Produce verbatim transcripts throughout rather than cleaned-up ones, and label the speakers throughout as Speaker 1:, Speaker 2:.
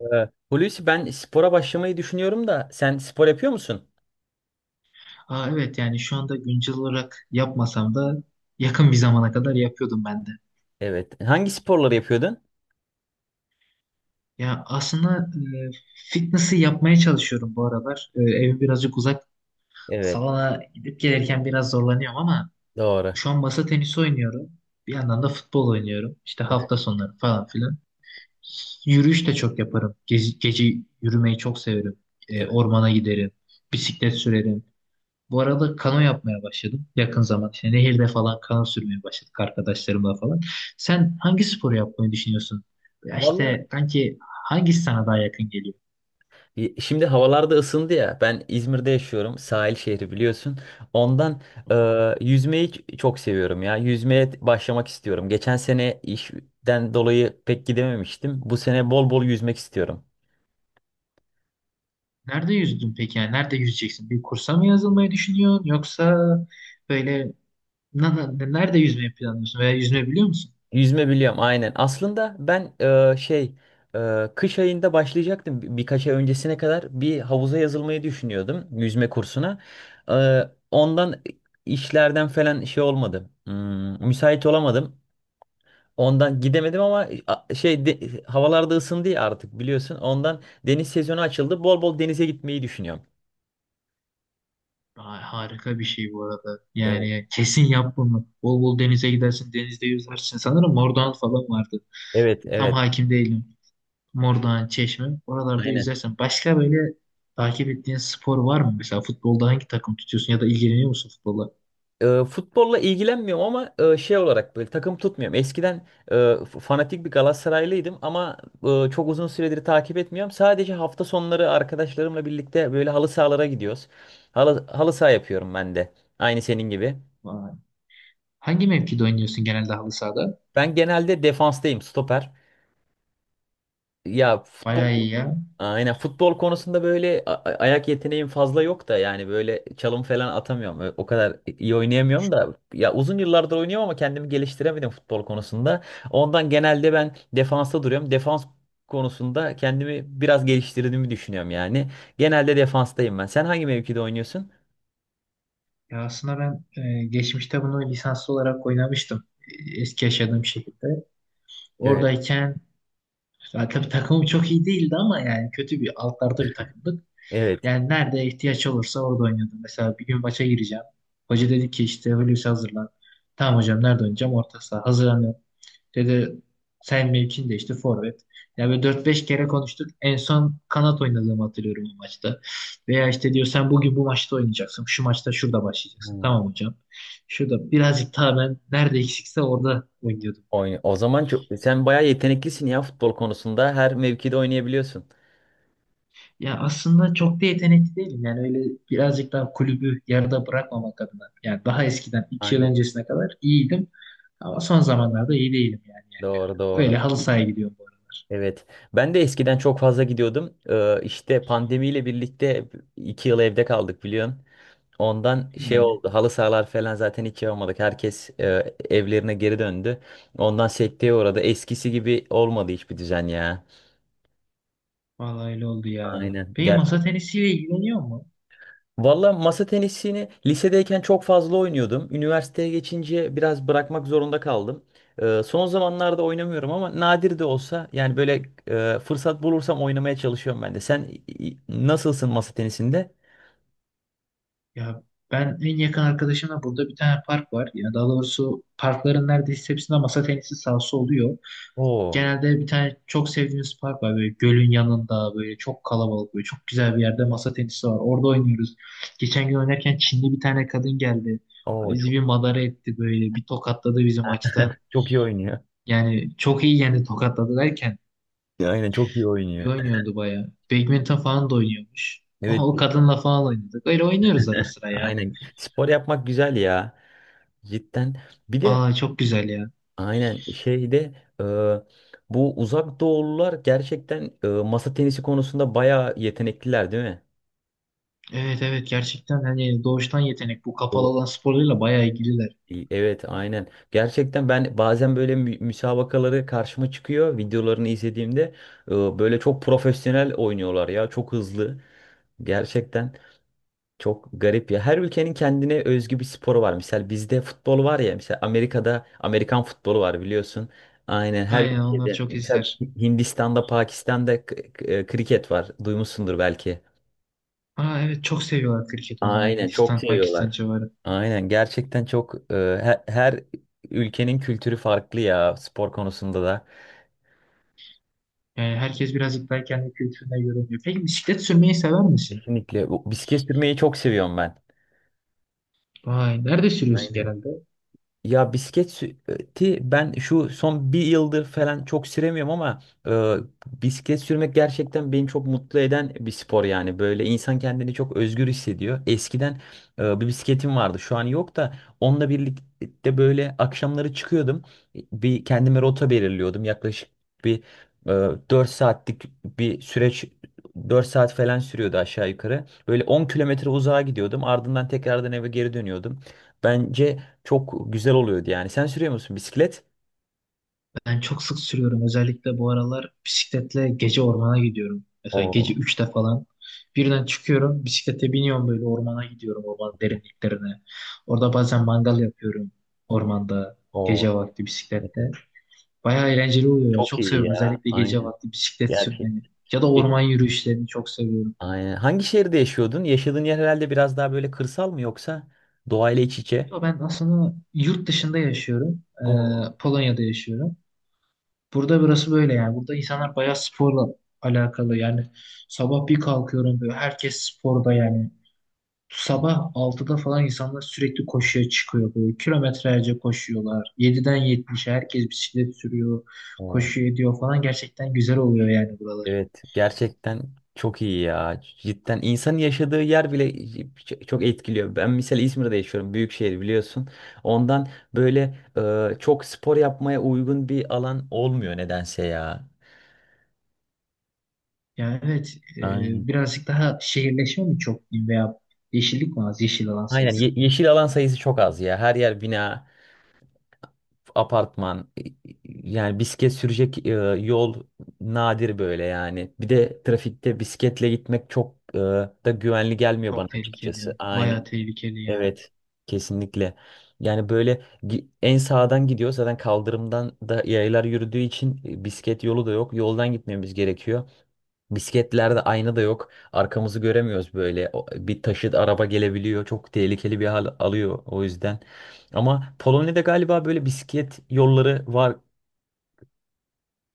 Speaker 1: Ee, Hulusi, ben spora başlamayı düşünüyorum da sen spor yapıyor musun?
Speaker 2: Aa, evet yani şu anda güncel olarak yapmasam da yakın bir zamana kadar yapıyordum ben de.
Speaker 1: Evet. Hangi sporları yapıyordun?
Speaker 2: Ya aslında e, fitness'ı yapmaya çalışıyorum bu aralar. E, evim birazcık uzak.
Speaker 1: Evet.
Speaker 2: Salona gidip gelirken biraz zorlanıyorum ama
Speaker 1: Doğru.
Speaker 2: şu an masa tenisi oynuyorum. Bir yandan da futbol oynuyorum. İşte
Speaker 1: Evet.
Speaker 2: hafta sonları falan filan. Yürüyüş de çok yaparım. Gece, gece yürümeyi çok severim. E,
Speaker 1: Evet.
Speaker 2: ormana giderim. Bisiklet sürerim. Bu arada kano yapmaya başladım yakın zaman. İşte nehirde falan kano sürmeye başladık arkadaşlarımla falan. Sen hangi sporu yapmayı düşünüyorsun? Ya
Speaker 1: Valla,
Speaker 2: işte kanki, hangisi sana daha yakın geliyor?
Speaker 1: y- şimdi havalar da ısındı ya. Ben İzmir'de yaşıyorum. Sahil şehri, biliyorsun. Ondan e, yüzmeyi ç- çok seviyorum ya. Yüzmeye t- başlamak istiyorum. Geçen sene işten dolayı pek gidememiştim. Bu sene bol bol yüzmek istiyorum.
Speaker 2: Nerede yüzdün peki? Yani nerede yüzeceksin? Bir kursa mı yazılmayı düşünüyorsun? Yoksa böyle na- na- nerede yüzmeyi planlıyorsun? Veya yüzme biliyor musun?
Speaker 1: Yüzme biliyorum, aynen. Aslında ben, e, şey e, kış ayında başlayacaktım. Bir- birkaç ay öncesine kadar bir havuza yazılmayı düşünüyordum, yüzme kursuna. E, Ondan işlerden falan şey olmadı. Hmm, müsait olamadım. Ondan gidemedim ama a- şey de- havalarda ısındı ya artık, biliyorsun. Ondan deniz sezonu açıldı. Bol bol denize gitmeyi düşünüyorum.
Speaker 2: Ay, harika bir şey bu arada.
Speaker 1: Evet,
Speaker 2: Yani kesin yap bunu. Bol bol denize gidersin, denizde yüzersin. Sanırım Mordoğan falan vardı.
Speaker 1: evet,
Speaker 2: Tam
Speaker 1: evet.
Speaker 2: hakim değilim. Mordoğan, Çeşme. Oralarda
Speaker 1: Aynen.
Speaker 2: yüzersen. Başka böyle takip ettiğin spor var mı? Mesela futbolda hangi takım tutuyorsun ya da ilgileniyor musun futbolla?
Speaker 1: E, futbolla ilgilenmiyorum ama e, şey olarak, böyle takım tutmuyorum. Eskiden e, f- fanatik bir Galatasaraylıydım ama e, çok uzun süredir takip etmiyorum. Sadece hafta sonları arkadaşlarımla birlikte böyle halı sahalara gidiyoruz. Halı, halı saha yapıyorum ben de. Aynı senin gibi.
Speaker 2: Vay. Hangi mevkide oynuyorsun genelde halı sahada?
Speaker 1: Ben genelde defanstayım, stoper. Ya futbol,
Speaker 2: Bayağı iyi ya.
Speaker 1: aynen, futbol konusunda böyle a- a- ayak yeteneğim fazla yok da, yani böyle çalım falan atamıyorum. Ö- O kadar iyi oynayamıyorum da ya, uzun yıllardır oynuyorum ama kendimi geliştiremedim futbol konusunda. Ondan genelde ben defansta duruyorum. Defans konusunda kendimi biraz geliştirdiğimi düşünüyorum, yani. Genelde defanstayım ben. Sen hangi mevkide oynuyorsun?
Speaker 2: Ya aslında ben e, geçmişte bunu lisanslı olarak oynamıştım. E, Eski yaşadığım şekilde.
Speaker 1: Evet.
Speaker 2: Oradayken ya tabii takımım çok iyi değildi ama yani kötü bir altlarda bir takımdık.
Speaker 1: Evet.
Speaker 2: Yani nerede ihtiyaç olursa orada oynuyordum. Mesela bir gün maça gireceğim. Hoca dedi ki işte, Hulusi hazırlan. Tamam hocam, nerede oynayacağım? Orta saha. Hazırlan. Ya da sen mevkin de işte forvet. Ya böyle dört beş kere konuştuk. En son kanat oynadığımı hatırlıyorum o maçta. Veya işte diyor, sen bugün bu maçta oynayacaksın. Şu maçta şurada başlayacaksın.
Speaker 1: Hmm.
Speaker 2: Tamam hocam. Şurada birazcık daha ben nerede eksikse orada oynuyordum.
Speaker 1: Oyna- O zaman çok sen bayağı yeteneklisin ya, futbol konusunda. Her mevkide oynayabiliyorsun.
Speaker 2: Ya aslında çok da yetenekli değilim. Yani öyle birazcık daha kulübü yarıda bırakmamak adına. Yani daha eskiden iki yıl
Speaker 1: Aynen.
Speaker 2: öncesine kadar iyiydim. Ama son zamanlarda iyi değilim yani. yani
Speaker 1: Doğru,
Speaker 2: Öyle
Speaker 1: doğru.
Speaker 2: halı sahaya gidiyorum bu aralar.
Speaker 1: Evet. Ben de eskiden çok fazla gidiyordum. Ee, işte pandemiyle birlikte iki yıl evde kaldık, biliyorsun. Ondan şey
Speaker 2: Yani
Speaker 1: oldu. Halı sahalar falan zaten hiç yapamadık. Herkes e, evlerine geri döndü. Ondan sekteye uğradı. Eskisi gibi olmadı hiçbir düzen, ya.
Speaker 2: vallahi öyle oldu ya.
Speaker 1: Aynen.
Speaker 2: Peki
Speaker 1: Ger
Speaker 2: masa tenisiyle ilgileniyor mu?
Speaker 1: Valla, masa tenisini lisedeyken çok fazla oynuyordum. Üniversiteye geçince biraz bırakmak zorunda kaldım. Ee, son zamanlarda oynamıyorum ama nadir de olsa, yani böyle, e, fırsat bulursam oynamaya çalışıyorum ben de. Sen, i- i- nasılsın masa tenisinde?
Speaker 2: Ya ben en yakın arkadaşımla burada bir tane park var. Ya daha doğrusu parkların neredeyse hepsinde masa tenisi sahası oluyor.
Speaker 1: Oo,
Speaker 2: Genelde bir tane çok sevdiğimiz park var. Böyle gölün yanında, böyle çok kalabalık, böyle çok güzel bir yerde masa tenisi var. Orada oynuyoruz. Geçen gün oynarken Çinli bir tane kadın geldi.
Speaker 1: oo,
Speaker 2: Bizi
Speaker 1: çok
Speaker 2: bir madara etti böyle. Bir tokatladı bizim maçta.
Speaker 1: çok iyi oynuyor.
Speaker 2: Yani çok iyi yendi, tokatladı derken.
Speaker 1: Aynen, çok iyi
Speaker 2: Bir
Speaker 1: oynuyor.
Speaker 2: oynuyordu bayağı. Badminton falan da oynuyormuş.
Speaker 1: Evet,
Speaker 2: Oha, o kadınla falan oynadık. Öyle oynuyoruz ara sıra ya.
Speaker 1: aynen. Spor yapmak güzel ya. Cidden. Bir de,
Speaker 2: Aa, çok güzel ya.
Speaker 1: aynen şeyde, e, bu uzak doğulular gerçekten, e, masa tenisi konusunda bayağı yetenekliler, değil mi?
Speaker 2: Evet, evet, gerçekten hani doğuştan yetenek, bu kapalı
Speaker 1: Evet.
Speaker 2: alan sporlarıyla bayağı ilgililer.
Speaker 1: Evet, aynen. Gerçekten, ben bazen böyle mü- müsabakaları karşıma çıkıyor, videolarını izlediğimde e, böyle çok profesyonel oynuyorlar ya, çok hızlı. Gerçekten. Çok garip ya. Her ülkenin kendine özgü bir sporu var. Mesela bizde futbol var ya. Mesela Amerika'da Amerikan futbolu var, biliyorsun. Aynen, her
Speaker 2: Aynen, onlar
Speaker 1: ülkede.
Speaker 2: çok
Speaker 1: Mesela
Speaker 2: izler.
Speaker 1: Hindistan'da, Pakistan'da, k- k- e, kriket var. Duymuşsundur belki.
Speaker 2: Aa, evet, çok seviyorlar kriket oynamayı
Speaker 1: Aynen, çok
Speaker 2: Hindistan, Pakistan
Speaker 1: seviyorlar.
Speaker 2: civarı.
Speaker 1: Aynen, gerçekten çok, e, he- her ülkenin kültürü farklı ya, spor konusunda da.
Speaker 2: Yani herkes birazcık daha kendi kültürüne göre oynuyor. Peki bisiklet sürmeyi sever misin?
Speaker 1: Kesinlikle. Bu Bisiklet sürmeyi çok seviyorum ben.
Speaker 2: Vay, nerede sürüyorsun
Speaker 1: Aynen.
Speaker 2: genelde?
Speaker 1: Ya bisikleti ben şu son bir yıldır falan çok süremiyorum ama, e, bisiklet sürmek gerçekten beni çok mutlu eden bir spor, yani. Böyle insan kendini çok özgür hissediyor. Eskiden, e, bir bisikletim vardı, şu an yok da, onunla birlikte böyle akşamları çıkıyordum. Bir kendime rota belirliyordum, yaklaşık bir e, dört saatlik bir süreç dört saat falan sürüyordu, aşağı yukarı. Böyle on kilometre uzağa gidiyordum, ardından tekrardan eve geri dönüyordum. Bence çok güzel oluyordu, yani. Sen sürüyor musun bisiklet?
Speaker 2: Ben çok sık sürüyorum. Özellikle bu aralar bisikletle gece ormana gidiyorum. Mesela gece
Speaker 1: Oo,
Speaker 2: üçte falan. Birden çıkıyorum, bisiklete biniyorum, böyle ormana gidiyorum, ormanın derinliklerine. Orada bazen mangal yapıyorum ormanda,
Speaker 1: o,
Speaker 2: gece vakti bisiklette. Bayağı eğlenceli oluyor ya.
Speaker 1: çok
Speaker 2: Çok
Speaker 1: iyi
Speaker 2: seviyorum
Speaker 1: ya.
Speaker 2: özellikle gece
Speaker 1: Aynen.
Speaker 2: vakti bisiklet
Speaker 1: Gerçek.
Speaker 2: sürmeyi. Ya da orman yürüyüşlerini çok seviyorum.
Speaker 1: Aynen. Hangi şehirde yaşıyordun? Yaşadığın yer herhalde biraz daha böyle kırsal mı, yoksa doğayla iç içe?
Speaker 2: Ya ben aslında yurt dışında yaşıyorum.
Speaker 1: O,
Speaker 2: Ee, Polonya'da yaşıyorum. Burada, burası böyle yani. Burada insanlar bayağı sporla alakalı yani. Sabah bir kalkıyorum, böyle herkes sporda yani. Sabah altıda falan insanlar sürekli koşuya çıkıyor böyle. Kilometrelerce koşuyorlar. Yediden yetmişe herkes bisiklet sürüyor.
Speaker 1: o.
Speaker 2: Koşu ediyor falan. Gerçekten güzel oluyor yani buralar.
Speaker 1: Evet, gerçekten çok iyi ya. Cidden, insanın yaşadığı yer bile ç- çok etkiliyor. Ben mesela İzmir'de yaşıyorum. Büyük şehir, biliyorsun. Ondan böyle, e, çok spor yapmaya uygun bir alan olmuyor nedense ya.
Speaker 2: Yani evet, e,
Speaker 1: Aynen.
Speaker 2: birazcık daha şehirleşme mi çok diyeyim, veya yeşillik mi az? Yeşil alan
Speaker 1: Aynen, ye-
Speaker 2: sayısı.
Speaker 1: yeşil alan sayısı çok az ya. Her yer bina, apartman. Yani bisiklet sürecek e, yol nadir böyle, yani. Bir de trafikte bisikletle gitmek çok e, da güvenli gelmiyor bana,
Speaker 2: Çok
Speaker 1: açıkçası.
Speaker 2: tehlikeli. Bayağı
Speaker 1: Aynen.
Speaker 2: tehlikeli yani.
Speaker 1: Evet. Kesinlikle. Yani böyle, gi- en sağdan gidiyor. Zaten kaldırımdan da yaylar yürüdüğü için e, bisiklet yolu da yok. Yoldan gitmemiz gerekiyor. Bisikletlerde ayna da yok. Arkamızı göremiyoruz böyle. O- Bir taşıt, araba gelebiliyor. Çok tehlikeli bir hal alıyor, o yüzden. Ama Polonya'da galiba böyle bisiklet yolları var.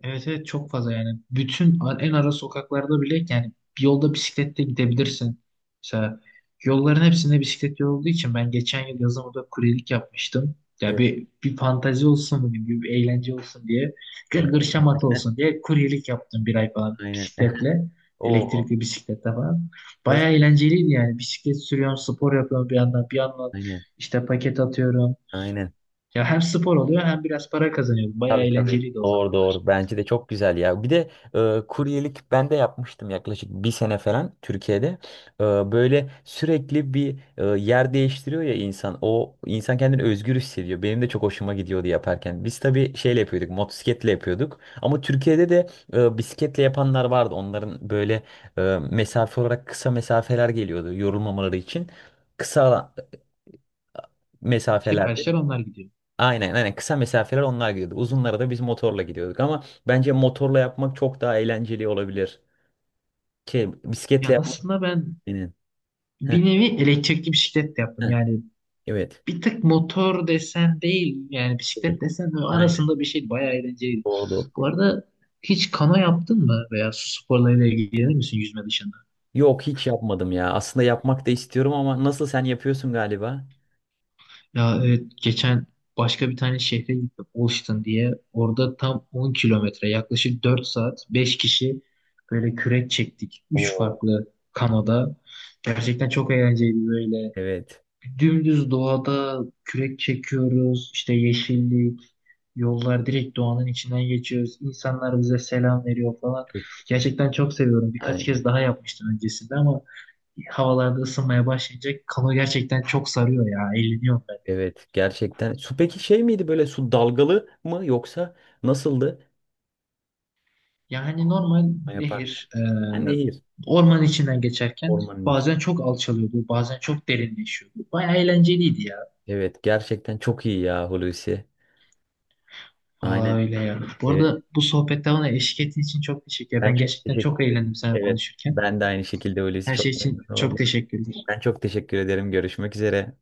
Speaker 2: Evet, evet, çok fazla yani. Bütün a- en ara sokaklarda bile yani bir yolda bisikletle gidebilirsin. Mesela yolların hepsinde bisiklet yolu olduğu için ben geçen yıl yazın orada kuryelik yapmıştım. Ya
Speaker 1: Evet,
Speaker 2: bir, bir fantezi olsun gibi, bir bir eğlence olsun diye,
Speaker 1: evet,
Speaker 2: gırgır şamata olsun diye kuryelik yaptım bir ay falan
Speaker 1: aynen.
Speaker 2: bisikletle.
Speaker 1: O
Speaker 2: Elektrikli bisikletle falan.
Speaker 1: nasıl?
Speaker 2: Bayağı eğlenceliydi yani. Bisiklet sürüyorum, spor yapıyorum bir yandan. Bir yandan
Speaker 1: Aynen.
Speaker 2: işte paket atıyorum.
Speaker 1: Aynen.
Speaker 2: Ya hem spor oluyor hem biraz para kazanıyorum. Bayağı
Speaker 1: Tabii, tabii.
Speaker 2: eğlenceliydi o
Speaker 1: Doğru,
Speaker 2: zamanlar.
Speaker 1: doğru. Bence de çok güzel ya. Bir de e, kuryelik ben de yapmıştım yaklaşık bir sene falan Türkiye'de. E, Böyle sürekli bir, e, yer değiştiriyor ya insan. O, insan kendini özgür hissediyor. Benim de çok hoşuma gidiyordu yaparken. Biz tabii şeyle yapıyorduk, motosikletle yapıyorduk. Ama Türkiye'de de e, bisikletle yapanlar vardı. Onların böyle e, mesafe olarak kısa mesafeler geliyordu, yorulmamaları için. Kısa, e, mesafelerde...
Speaker 2: Siparişler onlar gidiyor.
Speaker 1: Aynen, aynen, kısa mesafeler onlar gidiyordu. Uzunlara da biz motorla gidiyorduk ama bence motorla yapmak çok daha eğlenceli olabilir. Şey, bisikletle
Speaker 2: Ya
Speaker 1: yapmak
Speaker 2: aslında ben
Speaker 1: benim. Heh,
Speaker 2: bir nevi elektrikli bisiklet de yaptım.
Speaker 1: heh,
Speaker 2: Yani
Speaker 1: evet.
Speaker 2: bir tık motor desen değil, yani bisiklet
Speaker 1: Öyle.
Speaker 2: desen de,
Speaker 1: Aynen,
Speaker 2: arasında bir şey, bayağı eğlenceliydi.
Speaker 1: doğru.
Speaker 2: Bu arada hiç kano yaptın mı veya su sporlarıyla ilgilenir misin yüzme dışında?
Speaker 1: Yok, hiç yapmadım ya. Aslında yapmak da istiyorum ama nasıl, sen yapıyorsun galiba?
Speaker 2: Ya evet, geçen başka bir tane şehre gittim, Olştun diye. Orada tam on kilometre, yaklaşık dört saat, beş kişi böyle kürek çektik. üç
Speaker 1: Oo.
Speaker 2: farklı kanoda. Gerçekten çok eğlenceliydi böyle.
Speaker 1: Evet.
Speaker 2: Dümdüz doğada kürek çekiyoruz, işte yeşillik, yollar direkt doğanın içinden geçiyoruz. İnsanlar bize selam veriyor falan.
Speaker 1: Çok-
Speaker 2: Gerçekten çok seviyorum. Birkaç
Speaker 1: Aynen.
Speaker 2: kez daha yapmıştım öncesinde ama havalarda ısınmaya başlayınca kano gerçekten çok sarıyor ya. Eğleniyorum ben.
Speaker 1: Evet, gerçekten. Su peki şey miydi, böyle su dalgalı mı yoksa nasıldı?
Speaker 2: Yani normal
Speaker 1: Yaparken.
Speaker 2: nehir, e,
Speaker 1: Ha, nehir.
Speaker 2: orman içinden geçerken
Speaker 1: Ormanın içi.
Speaker 2: bazen çok alçalıyordu, bazen çok derinleşiyordu. Bayağı eğlenceliydi ya.
Speaker 1: Evet, gerçekten çok iyi ya, Hulusi.
Speaker 2: Vallahi
Speaker 1: Aynen.
Speaker 2: öyle ya. Bu
Speaker 1: Evet.
Speaker 2: arada bu sohbette bana eşlik ettiğin için çok teşekkür ederim.
Speaker 1: Ben
Speaker 2: Ben
Speaker 1: çok
Speaker 2: gerçekten çok
Speaker 1: teşekkür ederim.
Speaker 2: eğlendim seninle
Speaker 1: Evet,
Speaker 2: konuşurken.
Speaker 1: ben de aynı şekilde, öylesi
Speaker 2: Her şey
Speaker 1: çok
Speaker 2: için
Speaker 1: memnun
Speaker 2: çok
Speaker 1: oldum.
Speaker 2: teşekkürler.
Speaker 1: Ben çok teşekkür ederim. Görüşmek üzere.